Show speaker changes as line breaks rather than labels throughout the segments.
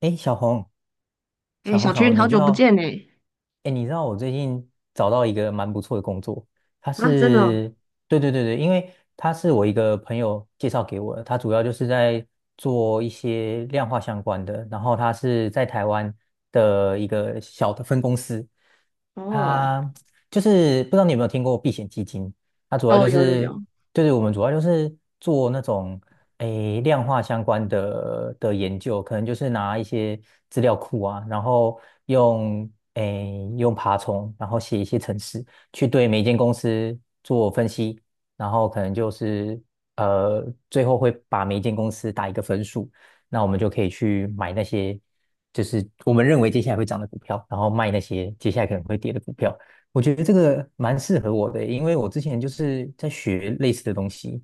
哎，小红，
哎，小群，好
你知
久不
道？
见呢！
哎，你知道我最近找到一个蛮不错的工作，它
啊，真的哦，
是，对对对对，因为它是我一个朋友介绍给我的，他主要就是在做一些量化相关的，然后他是在台湾的一个小的分公司。
哦，
它就是不知道你有没有听过避险基金？它主要
哦，
就
有有
是，
有，
对，是我们主要就是做那种量化相关的研究，可能就是拿一些资料库啊，然后用用爬虫，然后写一些程式，去对每一间公司做分析，然后可能就是最后会把每一间公司打一个分数。那我们就可以去买那些就是我们认为接下来会涨的股票，然后卖那些接下来可能会跌的股票。我觉得这个蛮适合我的，因为我之前就是在学类似的东西，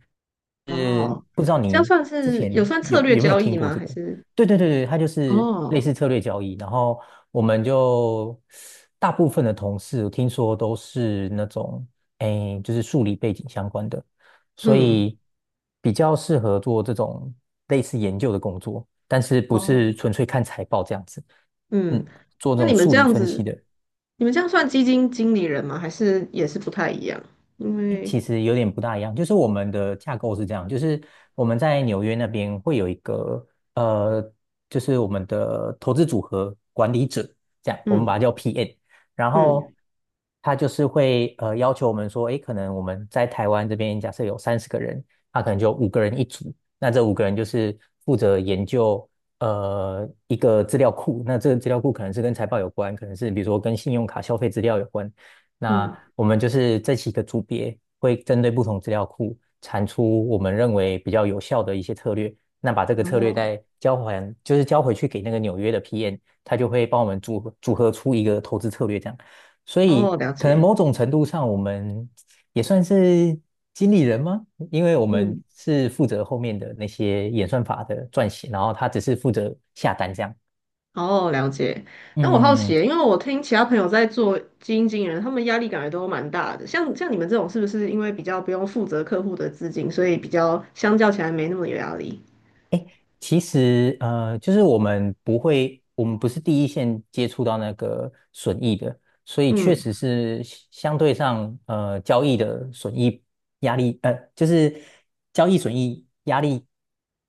是
哦，
不知道
这样
你
算
之
是
前
有算
有
策略
有没有
交
听
易
过
吗？
这
还
个？
是
对对对对，它就是类
哦，
似策略交易。然后我们就大部分的同事，听说都是那种就是数理背景相关的，所
嗯
以比较适合做这种类似研究的工作，但是不
哦，
是纯粹看财报这样子。嗯，
嗯？
做这
那
种
你们
数
这
理
样
分析
子，
的。
你们这样算基金经理人吗？还是也是不太一样？因为
其实有点不大一样，就是我们的架构是这样，就是我们在纽约那边会有一个呃，就是我们的投资组合管理者，这样我们把它
嗯
叫 PM，然后
嗯
他就是会要求我们说，诶，可能我们在台湾这边假设有30个人，他可能就五个人一组，那这五个人就是负责研究一个资料库，那这个资料库可能是跟财报有关，可能是比如说跟信用卡消费资料有关。那
嗯，
我们就是这几个组别会针对不同资料库产出我们认为比较有效的一些策略，那把这个策略
哦，
再交还，就是交回去给那个纽约的 PM，他就会帮我们组合组合出一个投资策略这样。所
哦，
以
了
可能
解。
某种程度上，我们也算是经理人吗？因为我们
嗯，
是负责后面的那些演算法的撰写，然后他只是负责下单这样。
哦，了解。那我好奇
嗯，
耶因为我听其他朋友在做基金经理人，他们压力感觉都蛮大的。像你们这种，是不是因为比较不用负责客户的资金，所以比较相较起来没那么有压力？
其实，呃，就是我们不会，我们不是第一线接触到那个损益的，所以确实
嗯
是相对上，交易的损益压力，就是交易损益压力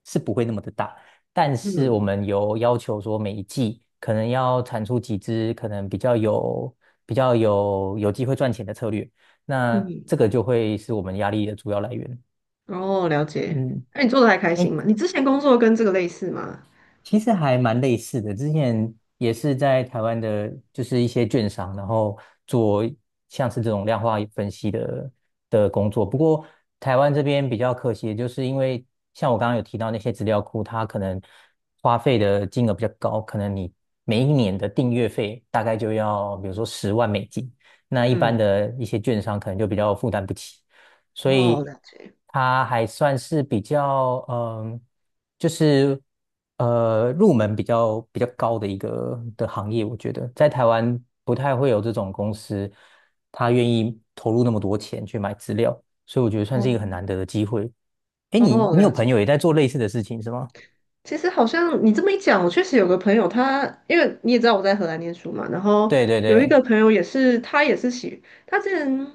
是不会那么的大，但是我
嗯
们有要求说每一季可能要产出几只可能比较有机会赚钱的策略，那
嗯，
这个就会是我们压力的主要来源。
哦，了解。
嗯。
那你做的还开
哎。
心吗？你之前工作跟这个类似吗？
其实还蛮类似的，之前也是在台湾的，就是一些券商，然后做像是这种量化分析的工作。不过台湾这边比较可惜的就是因为像我刚刚有提到那些资料库，它可能花费的金额比较高，可能你每一年的订阅费大概就要比如说10万美金，那一般
嗯，
的一些券商可能就比较负担不起。所
哦，
以
了解。
它还算是比较就是入门比较高的一个的行业，我觉得在台湾不太会有这种公司，他愿意投入那么多钱去买资料，所以我觉得算是一个很
哦
难得的机会。哎，你
哦，
你有
了
朋
解。
友也在做类似的事情是吗？
其实好像你这么一讲，我确实有个朋友他，因为你也知道我在荷兰念书嘛，然后
对对
有一个
对，
朋友也是，他之前，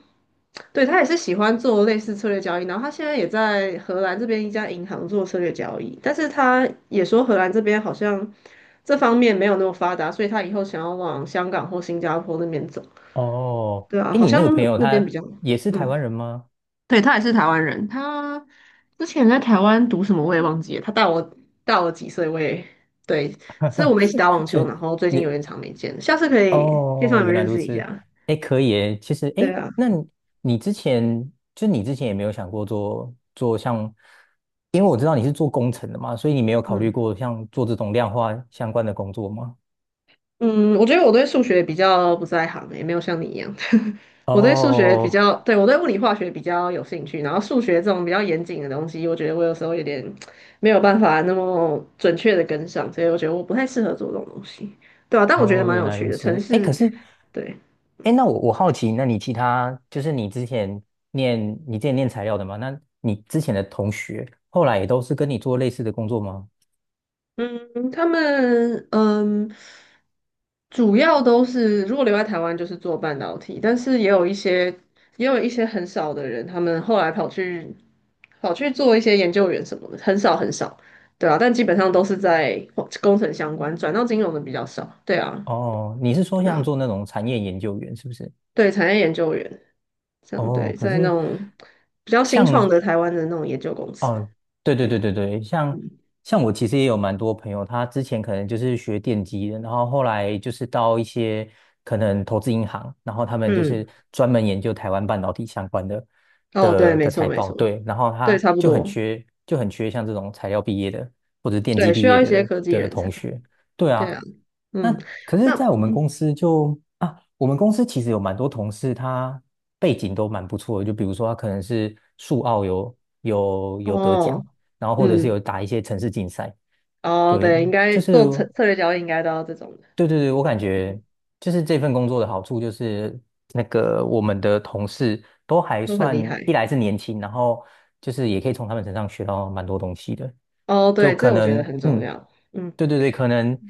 对，他也是喜欢做类似策略交易，然后他现在也在荷兰这边一家银行做策略交易，但是他也说荷兰这边好像这方面没有那么发达，所以他以后想要往香港或新加坡那边走，
哦，
对啊，
哎，
好
你
像
那个朋友
那边比
他
较，
也是台
嗯。
湾人吗？
对，他也是台湾人，他之前在台湾读什么我也忘记了，他大我几岁，我也对，是我们一起打网 球，
这
然后最近有点
你
长没见了，下次可以介绍
哦，
你们
原来
认
如
识一
此。
下。
哎，可以诶。其实，哎，
对啊，
那你之前也没有想过做像，因为我知道你是做工程的嘛，所以你没有考虑
嗯
过像做这种量化相关的工作吗？
嗯，我觉得我对数学比较不在行欸，也没有像你一样，我对数学比
哦，
较，对，我对物理化学比较有兴趣，然后数学这种比较严谨的东西，我觉得我有时候有点没有办法那么准确的跟上，所以我觉得我不太适合做这种东西，对啊，但我觉得
哦，
蛮
原
有
来
趣
如
的，城
此。哎，
市。
可是，
对。
哎，那我好奇，那你其他就是念你之前念材料的嘛？那你之前的同学后来也都是跟你做类似的工作吗？
嗯，他们嗯，主要都是如果留在台湾就是做半导体，但是也有一些也有一些很少的人，他们后来跑去做一些研究员什么的，很少很少，对啊，但基本上都是在工程相关，转到金融的比较少，对啊，
哦，你是说
对
像
啊，
做那种产业研究员是不是？
对，产业研究员这样，
哦，
对，
可
在那
是
种比较新创
像
的台湾的那种研究公司，
哦，对对
对
对
啊，
对对，像
嗯
像我其实也有蛮多朋友，他之前可能就是学电机的，然后后来就是到一些可能投资银行，然后他们就
嗯，
是专门研究台湾半导体相关的
哦，对，
的
没
的
错
财
没
报，
错，
对，然后
对，
他
差不
就很
多，
缺就很缺像这种材料毕业的，或者电机
对，需
毕业
要一些
的
科技
的
人
同
才。
学，对
对啊，
啊。那
嗯，
可是，
那
在我们
嗯
公司就啊，我们公司其实有蛮多同事，他背景都蛮不错的。就比如说，他可能是数奥有得奖，
哦，
然后或者是
嗯
有打一些城市竞赛。
哦，
对，
对，应该
就是
做策略交易应该都要这种的，
对对对，我感觉
嗯，
就是这份工作的好处就是那个我们的同事都还
都很
算，
厉害。
一来是年轻，然后就是也可以从他们身上学到蛮多东西的。
哦，
就
对，
可
这我觉得
能
很重
嗯，
要。嗯
对对对，可能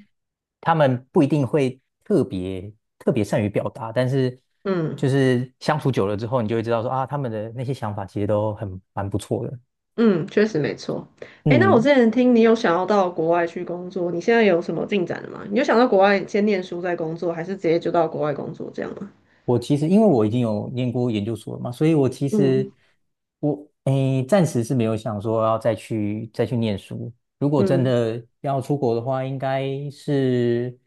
他们不一定会特别特别善于表达，但是
嗯
就是相处久了之后，你就会知道说啊，他们的那些想法其实都很蛮不错的。
嗯，确实没错。诶，那我
嗯，
之前听你有想要到国外去工作，你现在有什么进展了吗？你有想到国外先念书再工作，还是直接就到国外工作这样吗？
我其实因为我已经有念过研究所了嘛，所以我其实
嗯
我暂时是没有想说要再去念书。如果真
嗯，
的要出国的话，应该是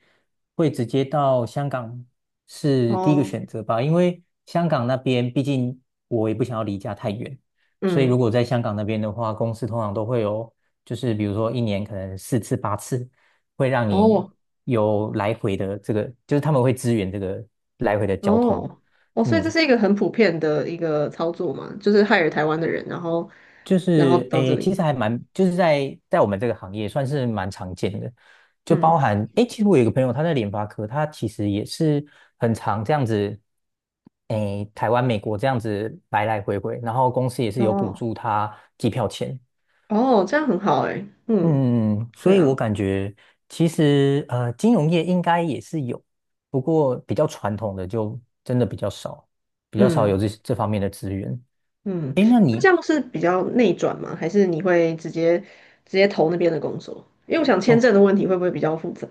会直接到香港，是第一个
哦，
选择吧，因为香港那边毕竟我也不想要离家太远，所以如
嗯
果在香港那边的话，公司通常都会有就是比如说一年可能四次八次。会让你
哦，
有来回的这个，就是他们会支援这个来回的交通。
哦，哦，所以
嗯，
这是一个很普遍的一个操作嘛，就是害了台湾的人，然后，
就
然后
是，
到这
其
里，
实还蛮，就是在我们这个行业算是蛮常见的，就包
嗯，
含诶，其实我有一个朋友他在联发科，他其实也是很常这样子，诶，台湾、美国这样子来来回回，然后公司也是有补
哦，
助他机票钱，
哦，这样很好诶，嗯，
嗯，所
对
以我
啊，
感觉其实金融业应该也是有，不过比较传统的就真的比较少，比较少
嗯
有这方面的资源。
嗯，
诶，那
那这
你？
样是比较内转吗？还是你会直接投那边的工作？因为我想签证的
哦。
问题会不会比较复杂？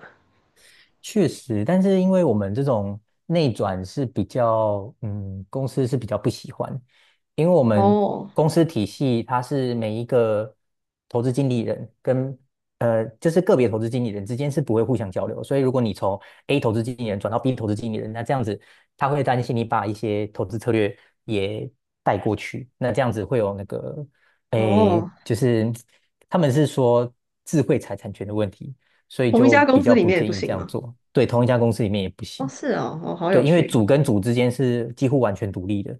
确实，但是因为我们这种内转是比较，嗯，公司是比较不喜欢，因为我们
哦
公司体系它是每一个投资经理人跟就是个别投资经理人之间是不会互相交流，所以如果你从 A 投资经理人转到 B 投资经理人，那这样子他会担心你把一些投资策略也带过去，那这样子会有那个，诶，
哦，
就是他们是说智慧财产权的问题。所以
同一
就
家公
比
司
较
里
不
面也不
建议这
行
样
吗？
做。对，同一家公司里面也不
哦，
行。
是哦，哦，好
对，
有
因为
趣，
组跟组之间是几乎完全独立的。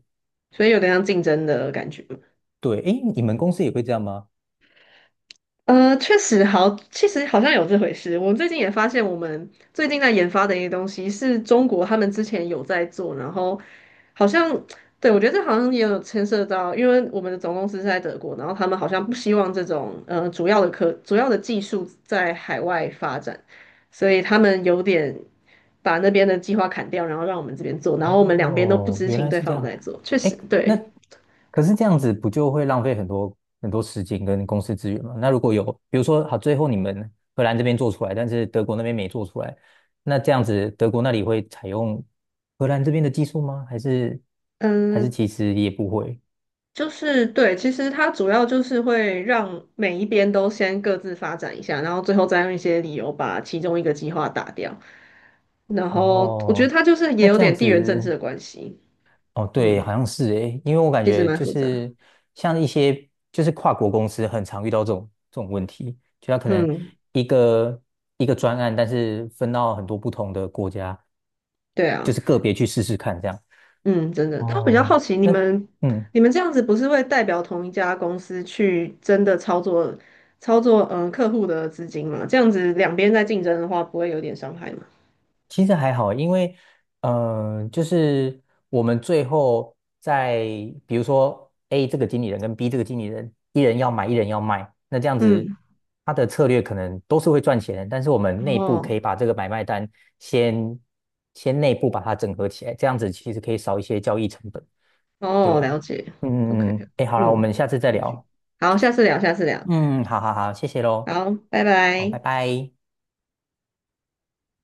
所以有点像竞争的感觉。
对，诶，你们公司也会这样吗？
确实好，其实好像有这回事。我最近也发现，我们最近在研发的一些东西是中国他们之前有在做，然后好像，对，我觉得这好像也有牵涉到，因为我们的总公司是在德国，然后他们好像不希望这种主要的技术在海外发展，所以他们有点把那边的计划砍掉，然后让我们这边做，然后我们两边都不
哦，
知
原
情
来
对
是这
方有
样。
在做，确实，
诶，那
对。
可是这样子不就会浪费很多很多时间跟公司资源吗？那如果有，比如说好，最后你们荷兰这边做出来，但是德国那边没做出来，那这样子德国那里会采用荷兰这边的技术吗？还是
嗯，
其实也不会？
就是对，其实它主要就是会让每一边都先各自发展一下，然后最后再用一些理由把其中一个计划打掉。然后我觉得
哦，
它就是也
那
有
这样
点地缘政治
子。
的关系，
哦，对，
嗯，
好像是诶，因为我感
其实
觉
蛮
就
复杂，
是像一些就是跨国公司很常遇到这种问题，就他可能
嗯，
一个一个专案，但是分到很多不同的国家，
对
就
啊，
是个别去试试看这样。
嗯，真的。但我比较
哦，
好奇，你
那
们
嗯。
你们这样子不是会代表同一家公司去真的操作客户的资金吗？这样子两边在竞争的话，不会有点伤害吗？
其实还好，因为就是我们最后在比如说 A 这个经理人跟 B 这个经理人，一人要买，一人要卖，那这样子
嗯，
他的策略可能都是会赚钱，但是我们内部
哦。
可以把这个买卖单先先内部把它整合起来，这样子其实可以少一些交易成本。对
哦，
啊，
了解。OK，
哎，好了，我
嗯，
们下次
嗯
再聊。
好，下次聊，下次聊，
嗯，好好好，谢谢喽，
好，拜
好，拜
拜。
拜。